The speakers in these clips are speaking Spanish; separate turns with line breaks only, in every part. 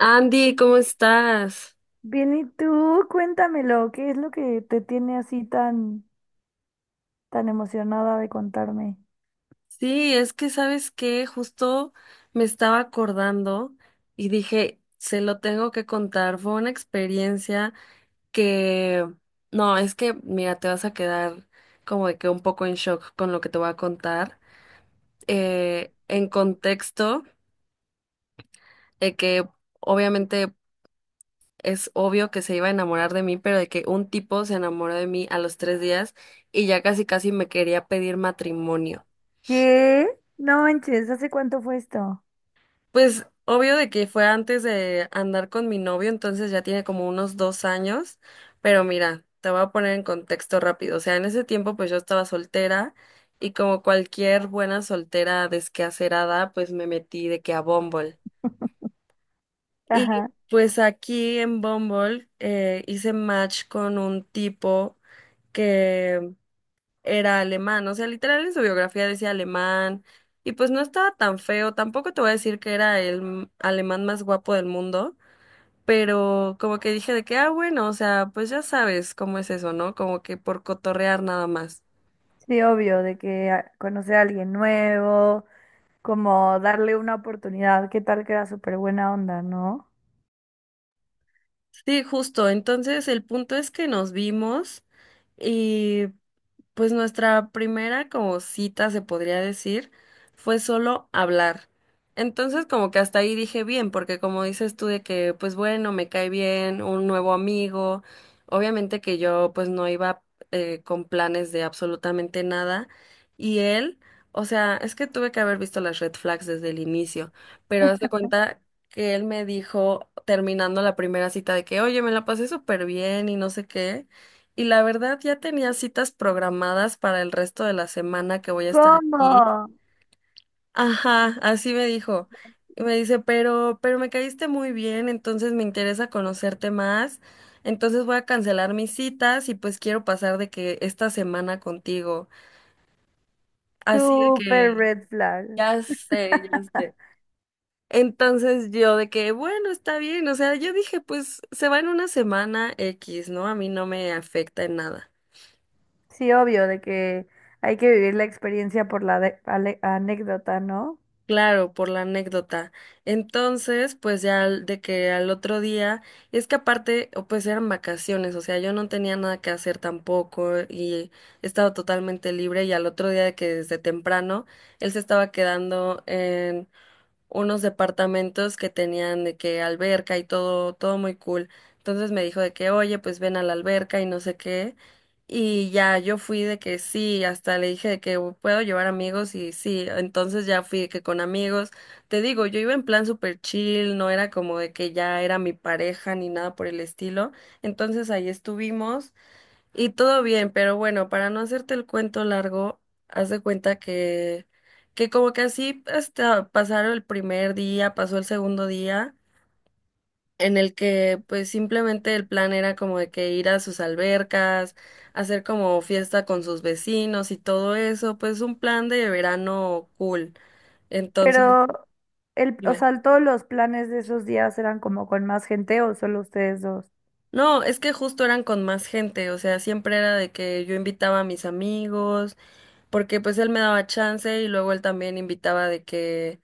Andy, ¿cómo estás?
Bien, ¿y tú? Cuéntamelo, ¿qué es lo que te tiene así tan emocionada de contarme?
Sí, es que sabes que justo me estaba acordando y dije, se lo tengo que contar. Fue una experiencia que, no, es que, mira, te vas a quedar como de que un poco en shock con lo que te voy a contar. En contexto, de que obviamente es obvio que se iba a enamorar de mí, pero de que un tipo se enamoró de mí a los tres días y ya casi casi me quería pedir matrimonio.
¿Qué? No manches, ¿hace cuánto fue esto?
Pues obvio de que fue antes de andar con mi novio, entonces ya tiene como unos dos años, pero mira, te voy a poner en contexto rápido. O sea, en ese tiempo pues yo estaba soltera y como cualquier buena soltera desquehacerada, pues me metí de que a Bumble. Y
Ajá,
pues aquí en Bumble hice match con un tipo que era alemán, o sea, literal en su biografía decía alemán, y pues no estaba tan feo, tampoco te voy a decir que era el alemán más guapo del mundo, pero como que dije de que, ah, bueno, o sea, pues ya sabes cómo es eso, ¿no? Como que por cotorrear nada más.
sí, obvio, de que conocer a alguien nuevo, como darle una oportunidad, ¿qué tal que era súper buena onda, ¿no?
Sí, justo, entonces el punto es que nos vimos. Pues nuestra primera como cita, se podría decir, fue solo hablar. Entonces como que hasta ahí dije bien, porque como dices tú de que, pues bueno, me cae bien, un nuevo amigo, obviamente que yo pues no iba con planes de absolutamente nada. Y él, o sea, es que tuve que haber visto las red flags desde el inicio, pero haz de cuenta que él me dijo terminando la primera cita de que, oye, me la pasé súper bien y no sé qué. Y la verdad ya tenía citas programadas para el resto de la semana que voy a estar
¿Cómo?
aquí. Ajá, así me dijo. Y me dice, pero me caíste muy bien, entonces me interesa conocerte más. Entonces voy a cancelar mis citas y pues quiero pasar de que esta semana contigo. Así de que
Súper red flag.
ya sé, ya sé. Entonces yo de que, bueno, está bien. O sea, yo dije, pues se va en una semana X, ¿no? A mí no me afecta en nada.
Sí, obvio, de que hay que vivir la experiencia por la anécdota, ¿no?
Claro, por la anécdota. Entonces, pues ya de que al otro día, es que aparte, o pues eran vacaciones, o sea, yo no tenía nada que hacer tampoco y estaba totalmente libre y al otro día de que desde temprano él se estaba quedando unos departamentos que tenían de que alberca y todo, todo muy cool. Entonces me dijo de que, oye, pues ven a la alberca y no sé qué. Y ya yo fui de que sí, hasta le dije de que puedo llevar amigos y sí, entonces ya fui de que con amigos. Te digo, yo iba en plan super chill, no era como de que ya era mi pareja ni nada por el estilo. Entonces ahí estuvimos y todo bien, pero bueno, para no hacerte el cuento largo, haz de cuenta que como que así hasta pasaron el primer día, pasó el segundo día, en el que pues simplemente el plan era como de que ir a sus albercas, hacer como fiesta con sus vecinos y todo eso, pues un plan de verano cool. Entonces,
Pero, el, o
dime.
sea, todos los planes de esos días eran como con más gente o solo ustedes dos.
No, es que justo eran con más gente, o sea, siempre era de que yo invitaba a mis amigos, porque pues él me daba chance y luego él también invitaba de que,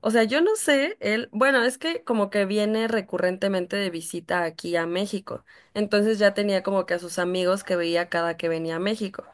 o sea, yo no sé, él, bueno, es que como que viene recurrentemente de visita aquí a México, entonces ya tenía como que a sus amigos que veía cada que venía a México.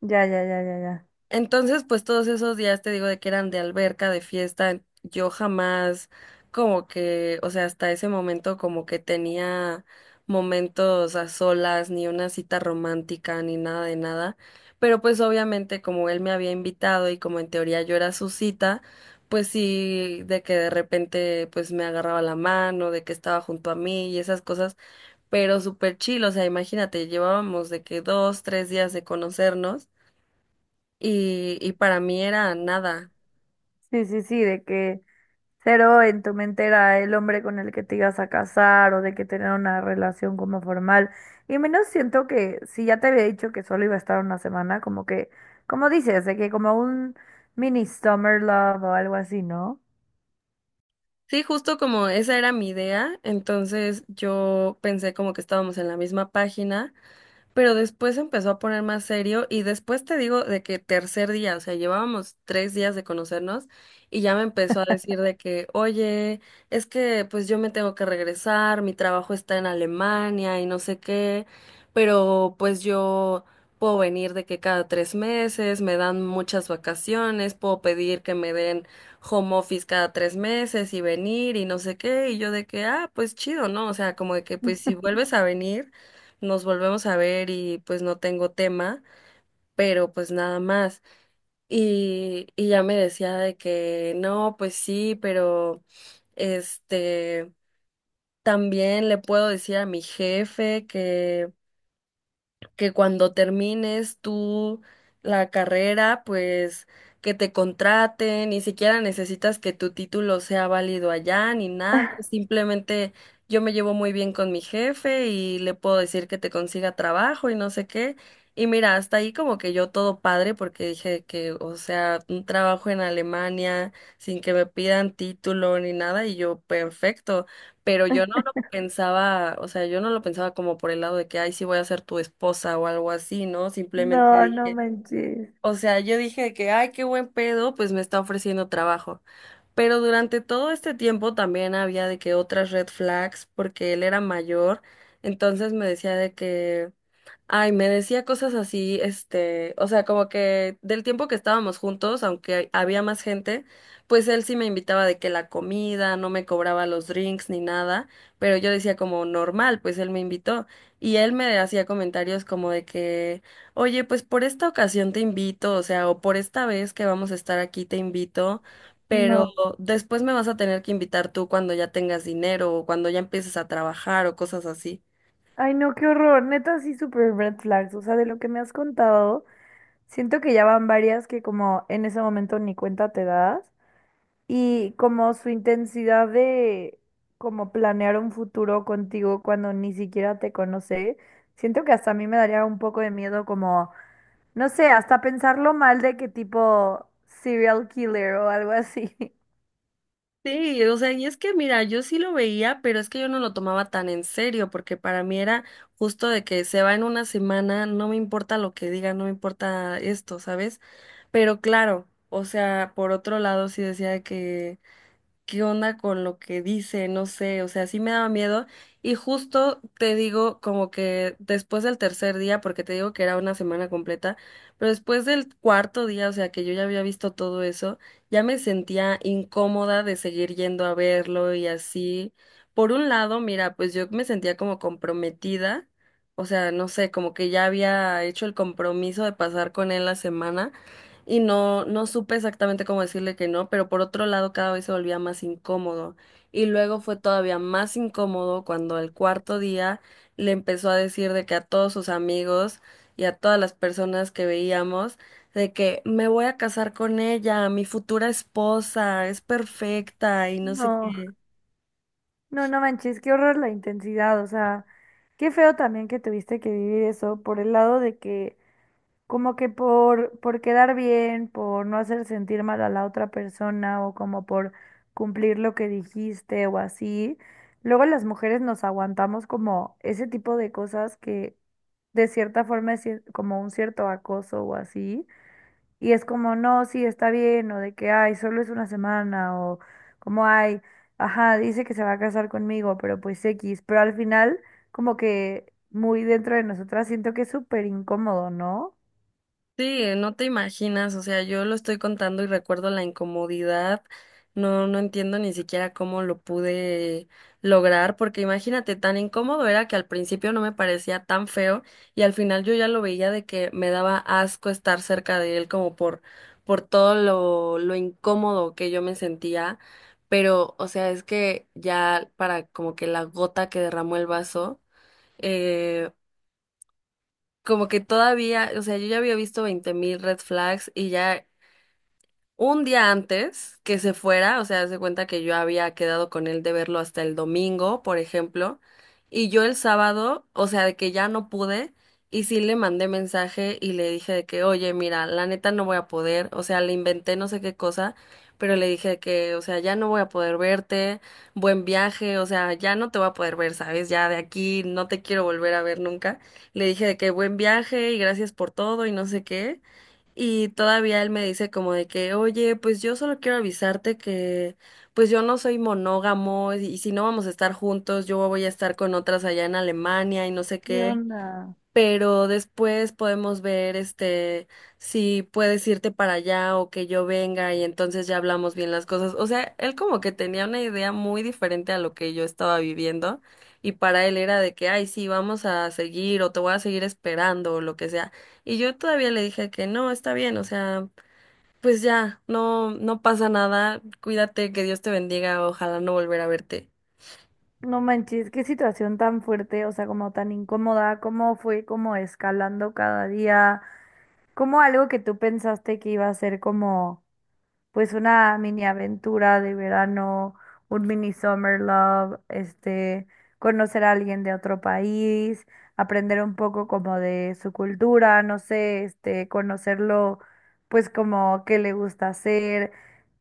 Ya, ya, ya, ya, ya.
Entonces, pues todos esos días te digo de que eran de alberca, de fiesta, yo jamás como que, o sea, hasta ese momento como que tenía momentos a solas, ni una cita romántica, ni nada de nada. Pero pues obviamente como él me había invitado y como en teoría yo era su cita, pues sí, de que de repente pues me agarraba la mano, de que estaba junto a mí y esas cosas, pero súper chill, o sea, imagínate, llevábamos de que dos, tres días de conocernos y para mí era nada.
Sí, sí, sí, de que cero en tu mente era el hombre con el que te ibas a casar o de que tener una relación como formal. Y menos siento que si ya te había dicho que solo iba a estar una semana, como que, como dices, de que como un mini summer love o algo así, ¿no?
Sí, justo como esa era mi idea, entonces yo pensé como que estábamos en la misma página. Pero después se empezó a poner más serio y después te digo de que tercer día, o sea, llevábamos tres días de conocernos y ya me empezó a decir de que, oye, es que pues yo me tengo que regresar, mi trabajo está en Alemania y no sé qué, pero pues yo puedo venir de que cada tres meses me dan muchas vacaciones, puedo pedir que me den home office cada tres meses y venir y no sé qué, y yo de que, ah, pues chido, ¿no? O sea, como de que pues si vuelves a venir nos volvemos a ver y pues no tengo tema, pero pues nada más. Y ya me decía de que no, pues sí, pero este, también le puedo decir a mi jefe que cuando termines tú la carrera, pues que te contraten, ni siquiera necesitas que tu título sea válido allá ni nada, simplemente yo me llevo muy bien con mi jefe y le puedo decir que te consiga trabajo y no sé qué. Y mira, hasta ahí como que yo todo padre porque dije que, o sea, un trabajo en Alemania sin que me pidan título ni nada y yo perfecto, pero yo no lo pensaba, o sea, yo no lo pensaba como por el lado de que, ay, sí voy a ser tu esposa o algo así, ¿no? Simplemente
No, no
dije,
manches,
o sea, yo dije que, ay, qué buen pedo, pues me está ofreciendo trabajo. Pero durante todo este tiempo también había de que otras red flags, porque él era mayor, entonces me decía de que... Ay, me decía cosas así, o sea, como que del tiempo que estábamos juntos, aunque había más gente, pues él sí me invitaba de que la comida, no me cobraba los drinks ni nada, pero yo decía como normal, pues él me invitó y él me hacía comentarios como de que, oye, pues por esta ocasión te invito, o sea, o por esta vez que vamos a estar aquí te invito, pero
no.
después me vas a tener que invitar tú cuando ya tengas dinero o cuando ya empieces a trabajar o cosas así.
Ay, no, qué horror, neta, sí, super red flags, o sea, de lo que me has contado. Siento que ya van varias que como en ese momento ni cuenta te das y como su intensidad de como planear un futuro contigo cuando ni siquiera te conoce, siento que hasta a mí me daría un poco de miedo como, no sé, hasta pensarlo mal de que tipo serial killer o algo así.
Sí, o sea, y es que mira, yo sí lo veía, pero es que yo no lo tomaba tan en serio, porque para mí era justo de que se va en una semana, no me importa lo que diga, no me importa esto, ¿sabes? Pero claro, o sea, por otro lado sí decía de que qué onda con lo que dice, no sé, o sea, sí me daba miedo. Y justo te digo como que después del tercer día, porque te digo que era una semana completa, pero después del cuarto día, o sea, que yo ya había visto todo eso, ya me sentía incómoda de seguir yendo a verlo y así. Por un lado, mira, pues yo me sentía como comprometida, o sea, no sé, como que ya había hecho el compromiso de pasar con él la semana y no supe exactamente cómo decirle que no, pero por otro lado cada vez se volvía más incómodo. Y luego fue todavía más incómodo cuando el cuarto día le empezó a decir de que a todos sus amigos y a todas las personas que veíamos, de que me voy a casar con ella, mi futura esposa, es perfecta y no sé
No,
qué.
no, no manches, qué horror la intensidad, o sea, qué feo también que tuviste que vivir eso por el lado de que como que por quedar bien, por no hacer sentir mal a la otra persona o como por cumplir lo que dijiste o así. Luego las mujeres nos aguantamos como ese tipo de cosas que de cierta forma es como un cierto acoso o así. Y es como, no, sí, está bien, o de que, ay, solo es una semana, o como, ay, ajá, dice que se va a casar conmigo, pero pues X. Pero al final, como que muy dentro de nosotras siento que es súper incómodo, ¿no?
Sí, no te imaginas, o sea, yo lo estoy contando y recuerdo la incomodidad, no entiendo ni siquiera cómo lo pude lograr, porque imagínate, tan incómodo era que al principio no me parecía tan feo y al final yo ya lo veía de que me daba asco estar cerca de él como por todo lo incómodo que yo me sentía, pero, o sea, es que ya para como que la gota que derramó el vaso. eh, Como que todavía, o sea, yo ya había visto 20.000 red flags y ya un día antes que se fuera, o sea, haz de cuenta que yo había quedado con él de verlo hasta el domingo, por ejemplo, y yo el sábado, o sea, de que ya no pude, y sí le mandé mensaje y le dije de que, oye, mira, la neta no voy a poder, o sea, le inventé no sé qué cosa, pero le dije de que, o sea, ya no voy a poder verte, buen viaje, o sea, ya no te voy a poder ver, ¿sabes? Ya de aquí no te quiero volver a ver nunca. Le dije de que buen viaje y gracias por todo y no sé qué. Y todavía él me dice como de que, oye, pues yo solo quiero avisarte que, pues yo no soy monógamo y si no vamos a estar juntos, yo voy a estar con otras allá en Alemania y no sé
¿Qué
qué,
onda?
pero después podemos ver si puedes irte para allá o que yo venga y entonces ya hablamos bien las cosas. O sea, él como que tenía una idea muy diferente a lo que yo estaba viviendo y para él era de que, ay, sí, vamos a seguir o te voy a seguir esperando o lo que sea. Y yo todavía le dije que no, está bien, o sea, pues ya, no pasa nada, cuídate, que Dios te bendiga, ojalá no volver a verte.
No manches, qué situación tan fuerte, o sea, como tan incómoda, cómo fue como escalando cada día, como algo que tú pensaste que iba a ser como pues una mini aventura de verano, un mini summer love, este, conocer a alguien de otro país, aprender un poco como de su cultura, no sé, este, conocerlo, pues como qué le gusta hacer,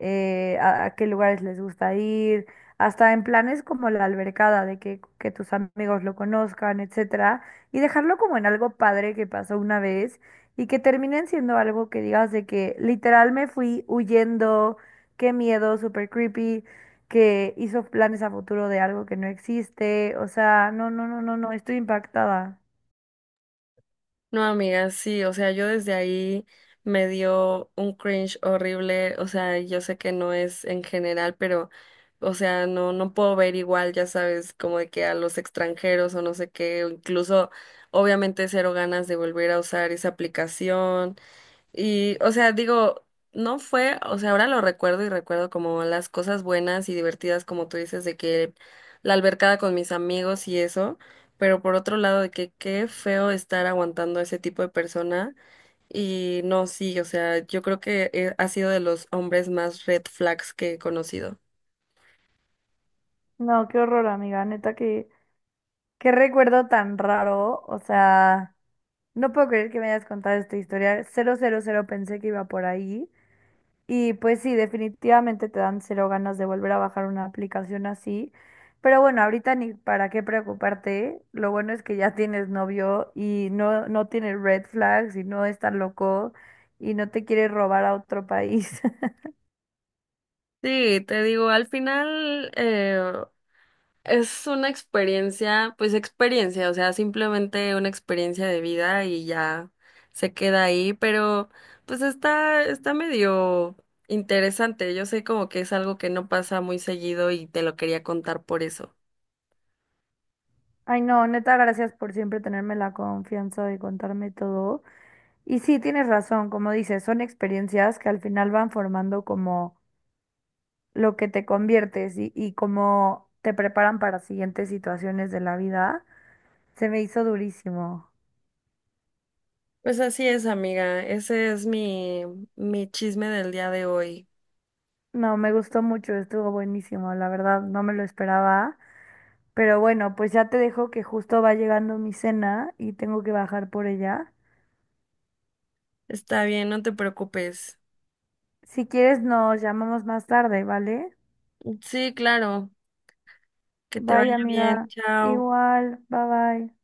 a qué lugares les gusta ir, hasta en planes como la albercada, de que tus amigos lo conozcan, etcétera, y dejarlo como en algo padre que pasó una vez y que terminen siendo algo que digas de que literal me fui huyendo, qué miedo, súper creepy, que hizo planes a futuro de algo que no existe. O sea, no, no, no, no, no, estoy impactada.
No, amiga, sí, o sea, yo desde ahí me dio un cringe horrible, o sea, yo sé que no es en general, pero, o sea, no, no puedo ver igual, ya sabes, como de que a los extranjeros o no sé qué, o incluso, obviamente, cero ganas de volver a usar esa aplicación, o sea, digo, no fue, o sea, ahora lo recuerdo y recuerdo como las cosas buenas y divertidas, como tú dices, de que la albercada con mis amigos y eso, pero por otro lado, de que qué feo estar aguantando a ese tipo de persona. Y no, sí, o sea, yo creo que ha sido de los hombres más red flags que he conocido.
No, qué horror, amiga, neta, que qué recuerdo tan raro. O sea, no puedo creer que me hayas contado esta historia. Cero, cero, cero pensé que iba por ahí. Y pues sí, definitivamente te dan cero ganas de volver a bajar una aplicación así. Pero bueno, ahorita ni para qué preocuparte. Lo bueno es que ya tienes novio y no, no tiene red flags y no es tan loco y no te quiere robar a otro país.
Sí, te digo, al final, es una experiencia, pues experiencia, o sea, simplemente una experiencia de vida y ya se queda ahí, pero pues está, está medio interesante. Yo sé como que es algo que no pasa muy seguido y te lo quería contar por eso.
Ay, no, neta, gracias por siempre tenerme la confianza de contarme todo. Y sí, tienes razón, como dices, son experiencias que al final van formando como lo que te conviertes y cómo te preparan para siguientes situaciones de la vida. Se me hizo durísimo.
Pues así es, amiga. Ese es mi chisme del día de hoy.
No, me gustó mucho, estuvo buenísimo, la verdad, no me lo esperaba. Pero bueno, pues ya te dejo que justo va llegando mi cena y tengo que bajar por ella.
Está bien, no te preocupes.
Si quieres, nos llamamos más tarde, ¿vale?
Sí, claro. Que te
Bye,
vaya bien.
amiga.
Chao.
Igual, bye bye.